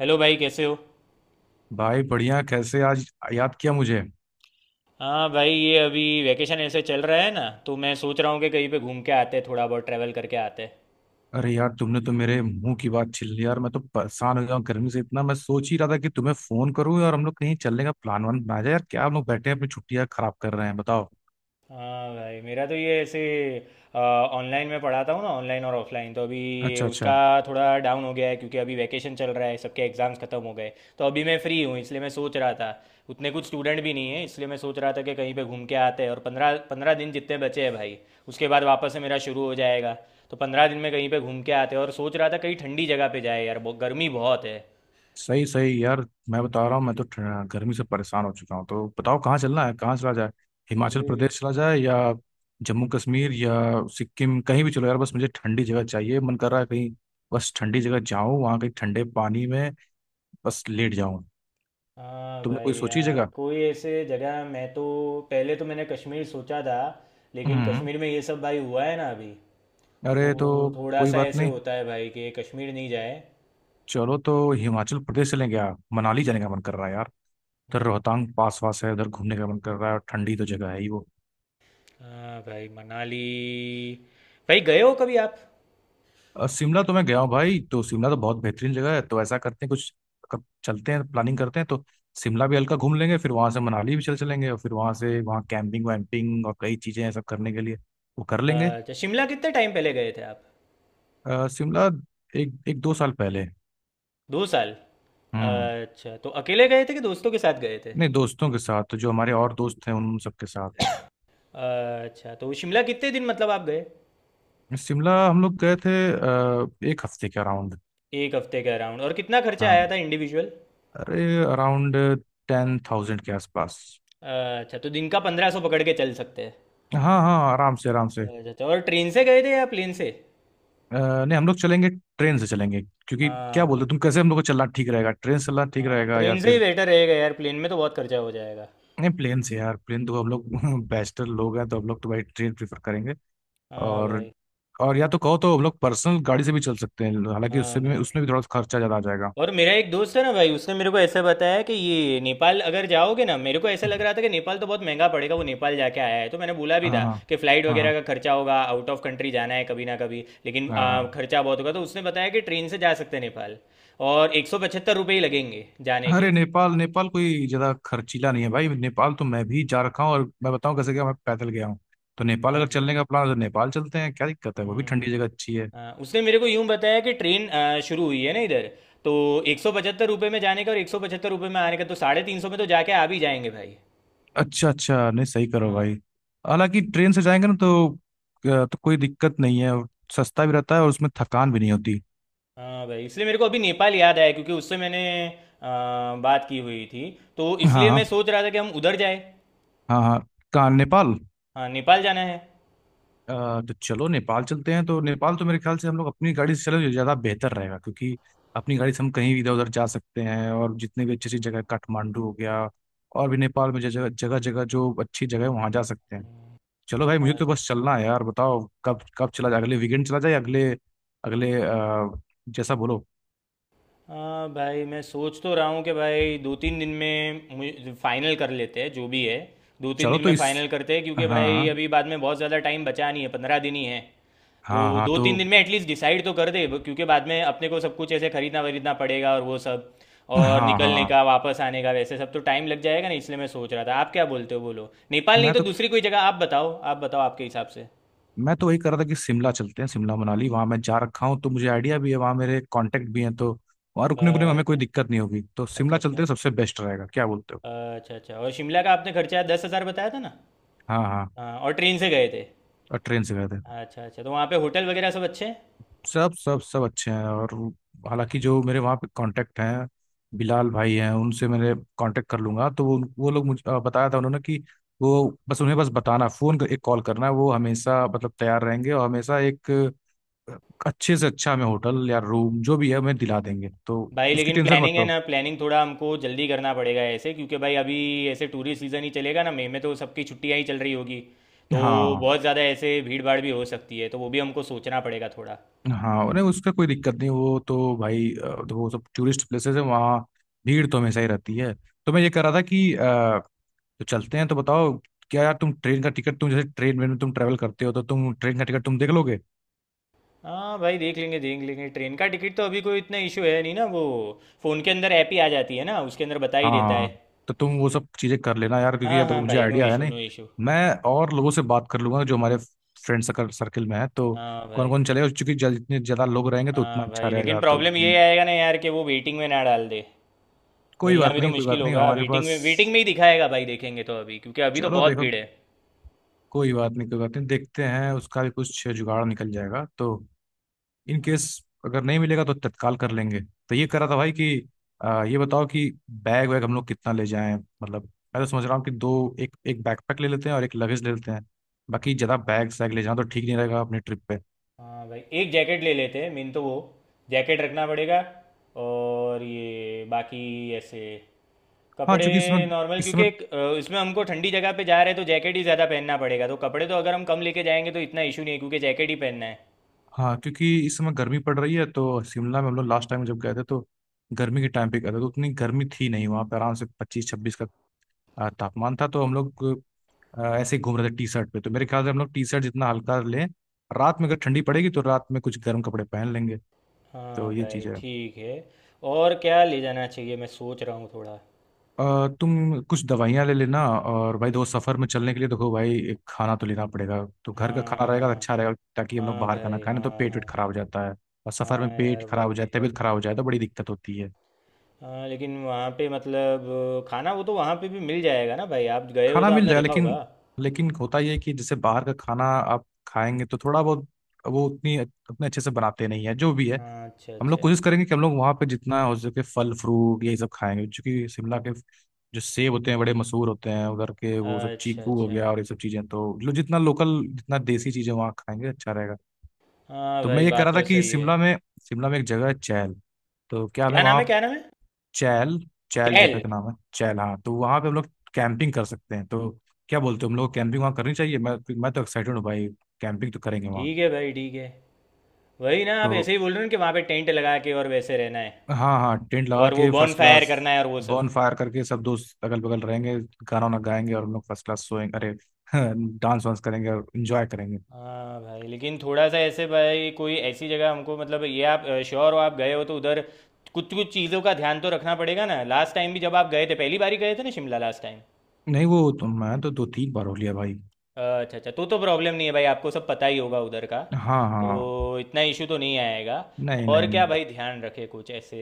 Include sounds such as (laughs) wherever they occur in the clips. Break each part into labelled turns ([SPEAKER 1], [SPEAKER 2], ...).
[SPEAKER 1] Hello भाई, कैसे हो।
[SPEAKER 2] भाई बढ़िया। कैसे आज याद किया मुझे?
[SPEAKER 1] हाँ भाई, ये अभी वैकेशन ऐसे चल रहा है ना, तो मैं सोच रहा हूँ कि कहीं पे घूम के आते, थोड़ा बहुत ट्रैवल करके आते।
[SPEAKER 2] अरे यार, तुमने तो मेरे मुंह की बात छीन ली यार। मैं तो परेशान हो गया हूँ गर्मी से इतना। मैं सोच ही रहा था कि तुम्हें फोन करूँ और हम लोग कहीं चलने का प्लान वन बनाया जाए। यार क्या हम लोग बैठे हैं अपनी छुट्टियां खराब कर रहे हैं, बताओ।
[SPEAKER 1] हाँ भाई, मेरा तो ये ऐसे ऑनलाइन में पढ़ाता हूँ ना, ऑनलाइन और ऑफलाइन, तो अभी ये
[SPEAKER 2] अच्छा अच्छा।
[SPEAKER 1] उसका थोड़ा डाउन हो गया है क्योंकि अभी वैकेशन चल रहा है, सबके एग्ज़ाम्स ख़त्म हो गए। तो अभी मैं फ्री हूँ, इसलिए मैं सोच रहा था, उतने कुछ स्टूडेंट भी नहीं है, इसलिए मैं सोच रहा था कि कहीं पे घूम के आते हैं। और 15-15 दिन जितने बचे हैं भाई, उसके बाद वापस से मेरा शुरू हो जाएगा। तो 15 दिन में कहीं पे घूम के आते हैं, और सोच रहा था कहीं ठंडी जगह पे जाए यार, गर्मी बहुत है।
[SPEAKER 2] सही सही यार। मैं बता रहा हूँ, मैं तो गर्मी से परेशान हो चुका हूँ। तो बताओ कहाँ चलना है, कहाँ चला जाए? हिमाचल प्रदेश चला जाए या जम्मू कश्मीर या सिक्किम, कहीं भी चलो यार। बस मुझे ठंडी जगह चाहिए। मन कर रहा है कहीं बस ठंडी जगह जाऊँ, वहाँ कहीं ठंडे पानी में बस लेट जाऊँ।
[SPEAKER 1] हाँ
[SPEAKER 2] तुमने
[SPEAKER 1] भाई
[SPEAKER 2] कोई सोची
[SPEAKER 1] यार,
[SPEAKER 2] जगह?
[SPEAKER 1] कोई ऐसे जगह, मैं तो पहले तो मैंने कश्मीर सोचा था, लेकिन
[SPEAKER 2] हम्म।
[SPEAKER 1] कश्मीर में ये सब भाई हुआ है ना अभी,
[SPEAKER 2] अरे तो
[SPEAKER 1] तो थोड़ा
[SPEAKER 2] कोई
[SPEAKER 1] सा
[SPEAKER 2] बात
[SPEAKER 1] ऐसे
[SPEAKER 2] नहीं,
[SPEAKER 1] होता है भाई कि कश्मीर नहीं जाए।
[SPEAKER 2] चलो तो हिमाचल प्रदेश चलें क्या? मनाली जाने का मन कर रहा है यार। उधर
[SPEAKER 1] हम्म।
[SPEAKER 2] रोहतांग पास वास है, उधर घूमने का मन कर रहा है और ठंडी तो जगह है ही वो।
[SPEAKER 1] हाँ भाई मनाली, भाई गए हो कभी आप।
[SPEAKER 2] शिमला तो मैं गया हूँ भाई। तो शिमला तो बहुत बेहतरीन जगह है। तो ऐसा करते हैं कुछ, कब चलते हैं प्लानिंग करते हैं तो। शिमला भी हल्का घूम लेंगे, फिर वहां से मनाली भी चल चलेंगे, और फिर वहां से वहाँ कैंपिंग वैम्पिंग और कई चीजें हैं सब करने के लिए, वो कर लेंगे।
[SPEAKER 1] अच्छा, शिमला कितने टाइम पहले गए थे आप।
[SPEAKER 2] शिमला एक एक दो साल पहले।
[SPEAKER 1] 2 साल।
[SPEAKER 2] हम्म।
[SPEAKER 1] अच्छा, तो अकेले गए थे कि दोस्तों के साथ गए थे।
[SPEAKER 2] नहीं दोस्तों के साथ, जो हमारे और दोस्त हैं उन सबके साथ।
[SPEAKER 1] अच्छा, तो शिमला कितने दिन मतलब आप गए।
[SPEAKER 2] शिमला हम लोग गए थे एक हफ्ते के अराउंड।
[SPEAKER 1] एक हफ्ते के अराउंड, और कितना खर्चा
[SPEAKER 2] हाँ,
[SPEAKER 1] आया था इंडिविजुअल।
[SPEAKER 2] अरे अराउंड 10,000 के आसपास।
[SPEAKER 1] अच्छा, तो दिन का 1500 पकड़ के चल सकते हैं।
[SPEAKER 2] हाँ हाँ, आराम से आराम से।
[SPEAKER 1] अच्छा अच्छा, और ट्रेन से गए थे या प्लेन से।
[SPEAKER 2] नहीं हम लोग चलेंगे, ट्रेन से चलेंगे। क्योंकि
[SPEAKER 1] हाँ
[SPEAKER 2] क्या बोलते
[SPEAKER 1] भाई,
[SPEAKER 2] हो तुम? कैसे हम लोग को चलना ठीक रहेगा, ट्रेन से चलना ठीक
[SPEAKER 1] हाँ
[SPEAKER 2] रहेगा या
[SPEAKER 1] ट्रेन से ही
[SPEAKER 2] फिर?
[SPEAKER 1] बेटर रहेगा यार, प्लेन में तो बहुत खर्चा हो जाएगा।
[SPEAKER 2] नहीं प्लेन से यार, प्लेन तो हम लोग (laughs) बैचलर लोग हैं, तो हम लोग तो भाई ट्रेन प्रेफर करेंगे।
[SPEAKER 1] हाँ
[SPEAKER 2] और
[SPEAKER 1] भाई,
[SPEAKER 2] या तो कहो तो हम लोग पर्सनल गाड़ी से भी चल सकते हैं, हालांकि
[SPEAKER 1] हाँ
[SPEAKER 2] उससे भी
[SPEAKER 1] भाई।
[SPEAKER 2] उसमें भी थोड़ा सा खर्चा ज़्यादा आ जाएगा।
[SPEAKER 1] और मेरा एक दोस्त है ना भाई, उसने मेरे को ऐसा बताया कि ये नेपाल अगर जाओगे ना, मेरे को ऐसा लग रहा था कि नेपाल तो बहुत महंगा पड़ेगा, वो नेपाल जाके आया है, तो मैंने बोला भी
[SPEAKER 2] हाँ
[SPEAKER 1] था कि फ़्लाइट
[SPEAKER 2] हाँ।
[SPEAKER 1] वगैरह
[SPEAKER 2] हाँ
[SPEAKER 1] का खर्चा होगा, आउट ऑफ कंट्री जाना है कभी ना कभी, लेकिन
[SPEAKER 2] हाँ। हाँ।
[SPEAKER 1] खर्चा बहुत होगा। तो उसने बताया कि ट्रेन से जा सकते हैं नेपाल, और 175 रुपये ही लगेंगे जाने के।
[SPEAKER 2] अरे नेपाल, नेपाल कोई ज्यादा खर्चीला नहीं है भाई। नेपाल तो मैं भी जा रखा हूँ, और मैं बताऊँ कैसे गया, मैं पैदल गया हूँ। तो नेपाल अगर
[SPEAKER 1] अच्छा।
[SPEAKER 2] चलने का प्लान है तो नेपाल चलते हैं, क्या दिक्कत है? वो भी
[SPEAKER 1] हम्म
[SPEAKER 2] ठंडी
[SPEAKER 1] हम्म।
[SPEAKER 2] जगह अच्छी है।
[SPEAKER 1] हाँ, उसने मेरे को यूं बताया कि ट्रेन शुरू हुई है ना इधर, तो 175 रुपये में जाने का और 175 रुपये में आने का, तो 350 में तो जाके आ भी जाएंगे भाई।
[SPEAKER 2] अच्छा अच्छा, नहीं सही करो
[SPEAKER 1] हाँ,
[SPEAKER 2] भाई। हालांकि ट्रेन से जाएंगे ना तो कोई दिक्कत नहीं है, और सस्ता भी रहता है और उसमें थकान भी नहीं होती।
[SPEAKER 1] हाँ भाई, इसलिए मेरे को अभी नेपाल याद आया क्योंकि उससे मैंने बात की हुई थी, तो
[SPEAKER 2] हाँ
[SPEAKER 1] इसलिए मैं
[SPEAKER 2] हाँ।
[SPEAKER 1] सोच रहा था कि हम उधर जाए।
[SPEAKER 2] हाँ हाँ। कहाँ नेपाल?
[SPEAKER 1] हाँ नेपाल जाना है।
[SPEAKER 2] अ, तो चलो नेपाल चलते हैं। तो नेपाल तो मेरे ख्याल से हम लोग अपनी गाड़ी से चले तो ज़्यादा बेहतर रहेगा, क्योंकि अपनी गाड़ी से हम कहीं भी इधर उधर जा सकते हैं, और जितने भी अच्छी अच्छी जगह काठमांडू हो गया और भी नेपाल में जगह जगह जगह जो अच्छी जगह है वहाँ जा सकते हैं। चलो भाई मुझे तो
[SPEAKER 1] अच्छा।
[SPEAKER 2] बस चलना है यार, बताओ कब कब चला जाए? अगले वीकेंड चला जाए, अगले अगले जैसा बोलो।
[SPEAKER 1] हाँ भाई, मैं सोच तो रहा हूँ कि भाई 2-3 दिन में फाइनल कर लेते हैं जो भी है, दो तीन
[SPEAKER 2] चलो
[SPEAKER 1] दिन
[SPEAKER 2] तो
[SPEAKER 1] में
[SPEAKER 2] इस
[SPEAKER 1] फाइनल करते हैं, क्योंकि भाई
[SPEAKER 2] हाँ।
[SPEAKER 1] अभी बाद में बहुत ज़्यादा टाइम बचा नहीं है, 15 दिन ही है।
[SPEAKER 2] हाँ
[SPEAKER 1] तो
[SPEAKER 2] हाँ
[SPEAKER 1] दो
[SPEAKER 2] तो
[SPEAKER 1] तीन दिन में एटलीस्ट डिसाइड तो कर दे क्योंकि बाद में अपने को सब कुछ ऐसे खरीदना वरीदना पड़ेगा और वो सब, और
[SPEAKER 2] हाँ हाँ।
[SPEAKER 1] निकलने का वापस आने का वैसे सब तो टाइम लग जाएगा ना, इसलिए मैं सोच रहा था, आप क्या बोलते हो, बोलो नेपाल नहीं
[SPEAKER 2] मैं
[SPEAKER 1] तो
[SPEAKER 2] तो
[SPEAKER 1] दूसरी कोई जगह आप बताओ, आप बताओ आपके हिसाब से।
[SPEAKER 2] मैं तो वही कर रहा था कि शिमला चलते हैं। शिमला मनाली वहां मैं जा रखा हूँ, तो मुझे आइडिया भी है, वहां मेरे कांटेक्ट भी हैं, तो वहां रुकने उकने में हमें कोई
[SPEAKER 1] अच्छा
[SPEAKER 2] दिक्कत नहीं होगी। तो
[SPEAKER 1] अच्छा।
[SPEAKER 2] शिमला चलते
[SPEAKER 1] अच्छा
[SPEAKER 2] हैं, सबसे बेस्ट रहेगा, क्या बोलते हो?
[SPEAKER 1] अच्छा। अच्छा, और शिमला का आपने खर्चा 10,000 बताया था ना।
[SPEAKER 2] हाँ हाँ,
[SPEAKER 1] हाँ, और ट्रेन से गए थे।
[SPEAKER 2] और ट्रेन से गए थे।
[SPEAKER 1] अच्छा अच्छा, तो वहाँ पे होटल वगैरह सब अच्छे हैं।
[SPEAKER 2] सब सब सब अच्छे हैं। और हालांकि जो मेरे वहाँ पे कांटेक्ट हैं, बिलाल भाई हैं, उनसे मैंने कांटेक्ट कर लूंगा। तो वो लोग मुझे बताया था उन्होंने कि वो बस उन्हें बस बताना, फ़ोन कर एक कॉल करना है, वो हमेशा मतलब तैयार रहेंगे और हमेशा एक अच्छे से अच्छा हमें होटल या रूम जो भी है हमें दिला देंगे तो।
[SPEAKER 1] भाई
[SPEAKER 2] उसकी
[SPEAKER 1] लेकिन
[SPEAKER 2] टेंशन मत
[SPEAKER 1] प्लानिंग है
[SPEAKER 2] करो।
[SPEAKER 1] ना, प्लानिंग थोड़ा हमको जल्दी करना पड़ेगा ऐसे, क्योंकि भाई अभी ऐसे टूरिस्ट सीज़न ही चलेगा ना, मई में तो सबकी छुट्टियां ही चल रही होगी, तो
[SPEAKER 2] हाँ
[SPEAKER 1] बहुत ज़्यादा ऐसे भीड़ भाड़ भी हो सकती है, तो वो भी हमको सोचना पड़ेगा थोड़ा।
[SPEAKER 2] हाँ, अरे उसका कोई दिक्कत नहीं। वो तो भाई तो वो सब टूरिस्ट प्लेसेस है वहाँ, भीड़ तो हमेशा ही रहती है। तो मैं ये कह रहा था कि तो चलते हैं तो बताओ, क्या यार तुम ट्रेन का टिकट, तुम जैसे ट्रेन में तुम ट्रेवल करते हो तो तुम ट्रेन का टिकट तुम देख लोगे?
[SPEAKER 1] हाँ भाई, देख लेंगे देख लेंगे, ट्रेन का टिकट तो अभी कोई इतना इशू है नहीं ना, वो फ़ोन के अंदर ऐप ही आ जाती है ना, उसके अंदर बता ही
[SPEAKER 2] हाँ
[SPEAKER 1] देता
[SPEAKER 2] हाँ
[SPEAKER 1] है।
[SPEAKER 2] हाँ। तो तुम वो सब चीज़ें कर लेना यार, क्योंकि
[SPEAKER 1] हाँ
[SPEAKER 2] यार देखो
[SPEAKER 1] हाँ
[SPEAKER 2] मुझे
[SPEAKER 1] भाई, नो
[SPEAKER 2] आइडिया है
[SPEAKER 1] इशू
[SPEAKER 2] नहीं।
[SPEAKER 1] No issue.
[SPEAKER 2] मैं और लोगों से बात कर लूंगा, जो हमारे फ्रेंड सर्कल सर्कल में है, तो
[SPEAKER 1] हाँ
[SPEAKER 2] कौन
[SPEAKER 1] भाई,
[SPEAKER 2] कौन चलेगा, क्योंकि जितने ज़्यादा लोग रहेंगे तो उतना
[SPEAKER 1] हाँ
[SPEAKER 2] अच्छा
[SPEAKER 1] भाई, लेकिन
[SPEAKER 2] रहेगा तो।
[SPEAKER 1] प्रॉब्लम ये
[SPEAKER 2] हम्म।
[SPEAKER 1] आएगा ना यार कि वो वेटिंग में ना डाल दे,
[SPEAKER 2] कोई
[SPEAKER 1] मिलना
[SPEAKER 2] बात
[SPEAKER 1] भी तो
[SPEAKER 2] नहीं, कोई
[SPEAKER 1] मुश्किल
[SPEAKER 2] बात नहीं,
[SPEAKER 1] होगा,
[SPEAKER 2] हमारे पास।
[SPEAKER 1] वेटिंग में ही दिखाएगा भाई, देखेंगे तो अभी क्योंकि अभी तो
[SPEAKER 2] चलो
[SPEAKER 1] बहुत
[SPEAKER 2] देखो
[SPEAKER 1] भीड़ है।
[SPEAKER 2] कोई बात नहीं, कोई बात नहीं, देखते हैं उसका भी कुछ जुगाड़ निकल जाएगा। तो इन केस, अगर नहीं मिलेगा तो तत्काल कर लेंगे। तो ये कर रहा था भाई कि ये बताओ कि बैग वैग हम लोग कितना ले जाएं? मतलब मैं तो समझ रहा हूँ कि दो, एक एक बैकपैक ले लेते हैं और एक लगेज ले लेते हैं, बाकी ज़्यादा बैग सैग ले जाना तो ठीक नहीं रहेगा अपनी ट्रिप पे।
[SPEAKER 1] हाँ भाई, एक जैकेट ले लेते हैं, मेन तो वो जैकेट रखना पड़ेगा, और ये बाकी ऐसे
[SPEAKER 2] हाँ,
[SPEAKER 1] कपड़े
[SPEAKER 2] चूंकि इस समय
[SPEAKER 1] नॉर्मल,
[SPEAKER 2] इस
[SPEAKER 1] क्योंकि
[SPEAKER 2] समय
[SPEAKER 1] इसमें हमको ठंडी जगह पे जा रहे हैं, तो जैकेट ही ज़्यादा पहनना पड़ेगा, तो कपड़े तो अगर हम कम लेके जाएंगे तो इतना इशू नहीं है क्योंकि जैकेट ही पहनना है।
[SPEAKER 2] हाँ क्योंकि इस समय गर्मी पड़ रही है, तो शिमला में हम लोग लास्ट टाइम जब गए थे तो गर्मी के टाइम पे गए थे तो उतनी गर्मी थी नहीं वहाँ पे। आराम से 25-26 का तापमान था, तो हम लोग ऐसे ही घूम रहे थे टी शर्ट पे। तो मेरे ख्याल से हम लोग टी शर्ट जितना हल्का लें, रात में अगर ठंडी पड़ेगी तो रात में कुछ गर्म कपड़े पहन लेंगे।
[SPEAKER 1] हाँ
[SPEAKER 2] तो ये
[SPEAKER 1] भाई
[SPEAKER 2] चीज़ है।
[SPEAKER 1] ठीक है, और क्या ले जाना चाहिए मैं सोच रहा हूँ थोड़ा।
[SPEAKER 2] तुम कुछ दवाइयाँ ले लेना और भाई दोस्त सफ़र में चलने के लिए, देखो भाई एक खाना तो लेना पड़ेगा, तो घर का खाना
[SPEAKER 1] हाँ
[SPEAKER 2] रहेगा
[SPEAKER 1] हाँ।
[SPEAKER 2] तो अच्छा रहेगा, ताकि हम लोग
[SPEAKER 1] हाँ
[SPEAKER 2] बाहर का ना
[SPEAKER 1] भाई,
[SPEAKER 2] खाएं, ना तो
[SPEAKER 1] हाँ
[SPEAKER 2] पेट वेट
[SPEAKER 1] हाँ।
[SPEAKER 2] खराब हो जाता है। और सफ़र
[SPEAKER 1] हाँ
[SPEAKER 2] में पेट
[SPEAKER 1] यार
[SPEAKER 2] खराब
[SPEAKER 1] वो
[SPEAKER 2] हो जाए,
[SPEAKER 1] भी है।
[SPEAKER 2] तबीयत खराब हो जाए, तो बड़ी दिक्कत होती है।
[SPEAKER 1] हाँ लेकिन वहाँ पे मतलब खाना, वो तो वहाँ पे भी मिल जाएगा ना भाई, आप गए हो
[SPEAKER 2] खाना
[SPEAKER 1] तो
[SPEAKER 2] मिल
[SPEAKER 1] आपने
[SPEAKER 2] जाएगा
[SPEAKER 1] देखा होगा।
[SPEAKER 2] लेकिन, लेकिन होता ये है कि जैसे बाहर का खाना आप खाएंगे तो थोड़ा बहुत वो उतनी अपने अच्छे से बनाते नहीं है, जो भी है।
[SPEAKER 1] हाँ, अच्छा
[SPEAKER 2] हम लोग
[SPEAKER 1] अच्छा।
[SPEAKER 2] कोशिश करेंगे कि हम लोग वहाँ पे जितना हो सके फल फ्रूट यही सब खाएंगे, क्योंकि शिमला के जो सेब होते हैं बड़े मशहूर होते हैं उधर के, वो सब,
[SPEAKER 1] अच्छा
[SPEAKER 2] चीकू हो
[SPEAKER 1] अच्छा।
[SPEAKER 2] गया और ये सब चीज़ें, तो लो जितना लोकल जितना देसी चीज़ें वहाँ खाएंगे अच्छा रहेगा।
[SPEAKER 1] हाँ
[SPEAKER 2] तो मैं
[SPEAKER 1] भाई,
[SPEAKER 2] ये कह
[SPEAKER 1] बात
[SPEAKER 2] रहा था
[SPEAKER 1] तो
[SPEAKER 2] कि
[SPEAKER 1] सही है।
[SPEAKER 2] शिमला में एक जगह है चैल, तो क्या हमें
[SPEAKER 1] क्या नाम
[SPEAKER 2] वहाँ
[SPEAKER 1] है क्या नाम है।
[SPEAKER 2] चैल, चैल जगह
[SPEAKER 1] कैल।
[SPEAKER 2] का नाम है चैल, हाँ, तो वहाँ पे हम लोग कैंपिंग कर सकते हैं, तो क्या बोलते हो हम लोग कैंपिंग वहाँ करनी चाहिए? मैं तो एक्साइटेड हूँ भाई, कैंपिंग तो करेंगे वहाँ।
[SPEAKER 1] ठीक है भाई ठीक है, वही ना, आप
[SPEAKER 2] तो
[SPEAKER 1] ऐसे ही बोल रहे हो ना कि वहाँ पे टेंट लगा के और वैसे रहना है,
[SPEAKER 2] हाँ हाँ, टेंट लगा
[SPEAKER 1] और वो
[SPEAKER 2] के
[SPEAKER 1] बॉन
[SPEAKER 2] फर्स्ट
[SPEAKER 1] फायर
[SPEAKER 2] क्लास।
[SPEAKER 1] करना है और वो सब।
[SPEAKER 2] बॉन फायर करके सब दोस्त अगल बगल रहेंगे, गाना वाना गाएंगे और हम लोग फर्स्ट क्लास सोएंगे। अरे (laughs) डांस वांस करेंगे और इंजॉय करेंगे।
[SPEAKER 1] हाँ भाई, लेकिन थोड़ा सा ऐसे भाई, कोई ऐसी जगह हमको, मतलब ये आप श्योर हो, आप गए हो तो उधर कुछ कुछ चीज़ों का ध्यान तो रखना पड़ेगा ना, लास्ट टाइम भी जब आप गए थे, पहली बार ही गए थे ना शिमला लास्ट टाइम।
[SPEAKER 2] नहीं वो तो मैं तो 2-3 बार हो लिया भाई।
[SPEAKER 1] अच्छा अच्छा, तो प्रॉब्लम नहीं है भाई, आपको सब पता ही होगा उधर का,
[SPEAKER 2] हाँ
[SPEAKER 1] तो
[SPEAKER 2] हाँ।
[SPEAKER 1] इतना इशू तो नहीं आएगा।
[SPEAKER 2] नहीं
[SPEAKER 1] और
[SPEAKER 2] नहीं नहीं।
[SPEAKER 1] क्या भाई ध्यान रखे कुछ ऐसे,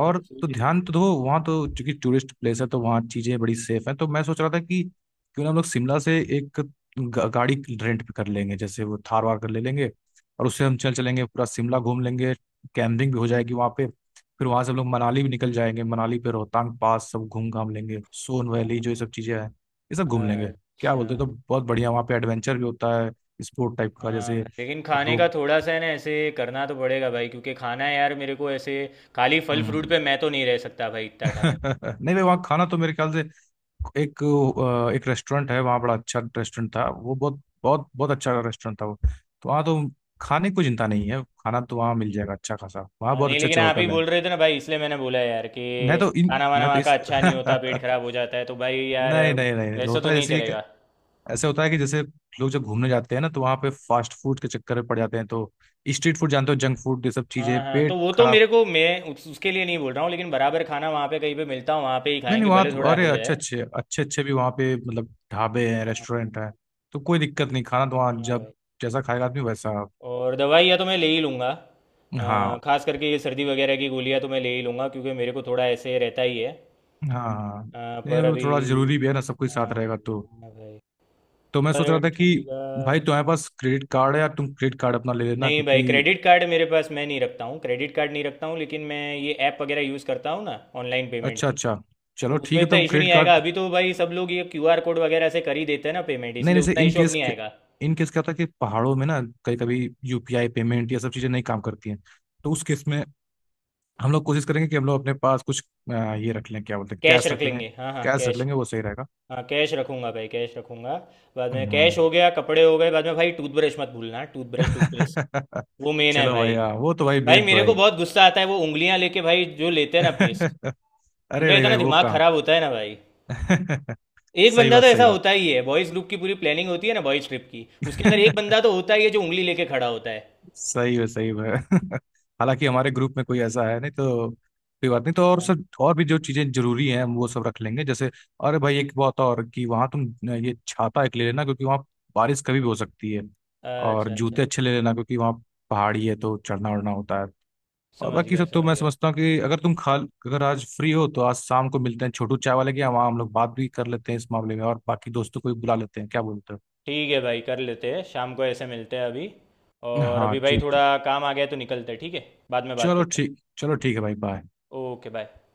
[SPEAKER 1] मेरे को सूझ
[SPEAKER 2] तो
[SPEAKER 1] नहीं
[SPEAKER 2] ध्यान
[SPEAKER 1] रहा।
[SPEAKER 2] तो दो वहाँ, तो चूंकि टूरिस्ट प्लेस है तो वहाँ चीज़ें बड़ी सेफ हैं। तो मैं सोच रहा था कि क्यों ना हम लोग शिमला से एक गाड़ी रेंट पे कर लेंगे, जैसे वो थार वार कर ले लेंगे, और उससे हम चल चलेंगे, पूरा शिमला घूम लेंगे, कैंपिंग भी हो जाएगी वहाँ पे। फिर वहाँ से हम लोग मनाली भी निकल जाएंगे, मनाली पे रोहतांग पास सब घूम घाम लेंगे, सोन
[SPEAKER 1] हाँ,
[SPEAKER 2] वैली जो ये सब चीज़ें हैं ये सब घूम लेंगे। क्या
[SPEAKER 1] अच्छा।
[SPEAKER 2] बोलते हो, तो बहुत बढ़िया, वहाँ पे एडवेंचर भी होता है स्पोर्ट टाइप का,
[SPEAKER 1] हाँ
[SPEAKER 2] जैसे
[SPEAKER 1] भाई, लेकिन खाने का
[SPEAKER 2] रोप।
[SPEAKER 1] थोड़ा सा है ना, ऐसे करना तो पड़ेगा भाई, क्योंकि खाना यार मेरे को ऐसे खाली फल फ्रूट
[SPEAKER 2] हम्म।
[SPEAKER 1] पे मैं तो नहीं रह सकता भाई इतना टाइम।
[SPEAKER 2] (laughs) नहीं भाई, वहाँ खाना तो मेरे ख्याल से एक, एक रेस्टोरेंट है वहाँ, बड़ा अच्छा रेस्टोरेंट था वो, बहुत बहुत बहुत अच्छा रेस्टोरेंट था वो। तो वहाँ तो खाने की कोई चिंता नहीं है, खाना तो वहाँ मिल जाएगा अच्छा खासा, वहाँ
[SPEAKER 1] हाँ,
[SPEAKER 2] बहुत
[SPEAKER 1] नहीं
[SPEAKER 2] अच्छे
[SPEAKER 1] लेकिन
[SPEAKER 2] अच्छे
[SPEAKER 1] आप ही
[SPEAKER 2] होटल हैं।
[SPEAKER 1] बोल रहे थे ना भाई, इसलिए मैंने बोला यार कि खाना वाना
[SPEAKER 2] मैं तो
[SPEAKER 1] वहाँ का
[SPEAKER 2] इस
[SPEAKER 1] अच्छा नहीं होता, पेट खराब
[SPEAKER 2] (laughs)
[SPEAKER 1] हो जाता है, तो भाई यार
[SPEAKER 2] नहीं नहीं नहीं
[SPEAKER 1] वैसे
[SPEAKER 2] होता
[SPEAKER 1] तो
[SPEAKER 2] है,
[SPEAKER 1] नहीं
[SPEAKER 2] जैसे ये कि,
[SPEAKER 1] चलेगा।
[SPEAKER 2] ऐसे होता है कि जैसे लोग जब घूमने जाते हैं ना तो वहाँ पे फास्ट फूड के चक्कर में पड़ जाते हैं, तो स्ट्रीट फूड जानते हो, जंक फूड, ये सब चीजें
[SPEAKER 1] हाँ हाँ, तो
[SPEAKER 2] पेट
[SPEAKER 1] वो तो
[SPEAKER 2] खराब।
[SPEAKER 1] मेरे को, मैं उसके लिए नहीं बोल रहा हूँ, लेकिन बराबर खाना वहाँ पे कहीं पे मिलता हूँ वहाँ पे ही
[SPEAKER 2] नहीं नहीं,
[SPEAKER 1] खाएंगे,
[SPEAKER 2] वहाँ
[SPEAKER 1] भले
[SPEAKER 2] तो
[SPEAKER 1] थोड़ा
[SPEAKER 2] अरे
[SPEAKER 1] हो
[SPEAKER 2] अच्छे
[SPEAKER 1] जाए।
[SPEAKER 2] अच्छे अच्छे अच्छे भी वहाँ पे मतलब ढाबे हैं,
[SPEAKER 1] हाँ हाँ,
[SPEAKER 2] रेस्टोरेंट हैं। तो कोई दिक्कत नहीं, खाना तो वहाँ
[SPEAKER 1] हाँ
[SPEAKER 2] जब
[SPEAKER 1] भाई।
[SPEAKER 2] जैसा खाएगा आदमी वैसा।
[SPEAKER 1] और दवाइयाँ तो मैं ले ही लूँगा,
[SPEAKER 2] हाँ
[SPEAKER 1] खास करके ये सर्दी वगैरह की गोलियाँ तो मैं ले ही लूँगा क्योंकि मेरे को थोड़ा ऐसे रहता ही है।
[SPEAKER 2] हाँ हाँ। नहीं
[SPEAKER 1] पर
[SPEAKER 2] वो
[SPEAKER 1] अभी।
[SPEAKER 2] थोड़ा जरूरी भी है ना, सब कुछ
[SPEAKER 1] हाँ,
[SPEAKER 2] साथ रहेगा तो।
[SPEAKER 1] हाँ भाई।
[SPEAKER 2] तो मैं सोच रहा
[SPEAKER 1] पर
[SPEAKER 2] था कि
[SPEAKER 1] ठंडी का।
[SPEAKER 2] भाई तुम्हारे पास क्रेडिट कार्ड है या तुम क्रेडिट कार्ड अपना ले लेना,
[SPEAKER 1] नहीं भाई,
[SPEAKER 2] क्योंकि
[SPEAKER 1] क्रेडिट कार्ड मेरे पास, मैं नहीं रखता हूँ, क्रेडिट कार्ड नहीं रखता हूँ, लेकिन मैं ये ऐप वगैरह यूज़ करता हूँ ना ऑनलाइन पेमेंट
[SPEAKER 2] अच्छा
[SPEAKER 1] की,
[SPEAKER 2] अच्छा,
[SPEAKER 1] तो
[SPEAKER 2] चलो
[SPEAKER 1] उसमें
[SPEAKER 2] ठीक है
[SPEAKER 1] इतना
[SPEAKER 2] तब
[SPEAKER 1] इशू नहीं
[SPEAKER 2] क्रेडिट कार्ड।
[SPEAKER 1] आएगा अभी, तो भाई सब लोग ये क्यूआर कोड वगैरह से कर ही देते हैं ना पेमेंट,
[SPEAKER 2] नहीं
[SPEAKER 1] इसलिए
[SPEAKER 2] नहीं, से
[SPEAKER 1] उतना
[SPEAKER 2] इन
[SPEAKER 1] इशू अब
[SPEAKER 2] केस,
[SPEAKER 1] नहीं आएगा।
[SPEAKER 2] इन केस क्या होता है कि पहाड़ों में ना कभी कभी यूपीआई पेमेंट ये सब चीज़ें नहीं काम करती हैं। तो उस केस में हम लोग कोशिश करेंगे कि हम लोग अपने पास कुछ ये रख लें, क्या बोलते हैं,
[SPEAKER 1] कैश
[SPEAKER 2] कैश
[SPEAKER 1] रख
[SPEAKER 2] रख लें।
[SPEAKER 1] लेंगे, हाँ हाँ
[SPEAKER 2] कैश रख
[SPEAKER 1] कैश।
[SPEAKER 2] लेंगे, वो सही रहेगा।
[SPEAKER 1] हाँ कैश रखूंगा भाई, कैश रखूंगा। बाद में
[SPEAKER 2] हम्म।
[SPEAKER 1] कैश हो गया, कपड़े हो गए, बाद में भाई टूथब्रश मत भूलना, टूथब्रश टूथपेस्ट वो
[SPEAKER 2] (laughs)
[SPEAKER 1] मेन है
[SPEAKER 2] चलो
[SPEAKER 1] भाई।
[SPEAKER 2] भैया वो तो भाई
[SPEAKER 1] भाई
[SPEAKER 2] मेन तो
[SPEAKER 1] मेरे
[SPEAKER 2] है
[SPEAKER 1] को
[SPEAKER 2] ही।
[SPEAKER 1] बहुत गुस्सा आता है वो, उंगलियां लेके भाई जो लेते हैं ना पेस्ट,
[SPEAKER 2] (laughs) अरे
[SPEAKER 1] मेरा
[SPEAKER 2] नहीं भाई
[SPEAKER 1] इतना
[SPEAKER 2] वो
[SPEAKER 1] दिमाग
[SPEAKER 2] कहाँ।
[SPEAKER 1] खराब होता है ना भाई।
[SPEAKER 2] (laughs)
[SPEAKER 1] एक
[SPEAKER 2] सही
[SPEAKER 1] बंदा
[SPEAKER 2] बात,
[SPEAKER 1] तो
[SPEAKER 2] सही
[SPEAKER 1] ऐसा
[SPEAKER 2] बात।
[SPEAKER 1] होता ही है, बॉयज ग्रुप की पूरी प्लानिंग होती है ना, बॉयज ट्रिप की, उसके अंदर एक बंदा तो
[SPEAKER 2] (laughs)
[SPEAKER 1] होता ही है जो उंगली लेके खड़ा होता है।
[SPEAKER 2] सही है, सही है। (laughs) हालांकि हमारे ग्रुप में कोई ऐसा है नहीं, तो कोई बात नहीं तो। और सर,
[SPEAKER 1] हाँ।
[SPEAKER 2] और भी जो चीजें जरूरी हैं हम वो सब रख लेंगे, जैसे अरे भाई एक बात और, कि वहां तुम ये छाता एक ले लेना, क्योंकि वहां बारिश कभी भी हो सकती है। और
[SPEAKER 1] अच्छा अच्छा,
[SPEAKER 2] जूते अच्छे ले लेना, क्योंकि वहाँ पहाड़ी है तो चढ़ना उड़ना होता है। और
[SPEAKER 1] समझ
[SPEAKER 2] बाकी
[SPEAKER 1] गया
[SPEAKER 2] सब तो
[SPEAKER 1] समझ
[SPEAKER 2] मैं
[SPEAKER 1] गया।
[SPEAKER 2] समझता हूँ कि अगर तुम खाल अगर आज फ्री हो तो आज शाम को मिलते हैं छोटू चाय वाले के यहाँ, वहाँ हम लोग बात भी कर लेते हैं इस मामले में और बाकी दोस्तों को भी बुला लेते हैं, क्या बोलते
[SPEAKER 1] ठीक है भाई, कर लेते हैं, शाम को ऐसे मिलते हैं अभी।
[SPEAKER 2] हो?
[SPEAKER 1] और
[SPEAKER 2] हाँ
[SPEAKER 1] अभी भाई
[SPEAKER 2] ठीक
[SPEAKER 1] थोड़ा
[SPEAKER 2] ठीक।
[SPEAKER 1] काम आ गया है तो निकलते हैं, ठीक है, बाद में बात
[SPEAKER 2] चलो
[SPEAKER 1] करते
[SPEAKER 2] ठीक, चलो ठीक है भाई, बाय।
[SPEAKER 1] हैं। Okay bye.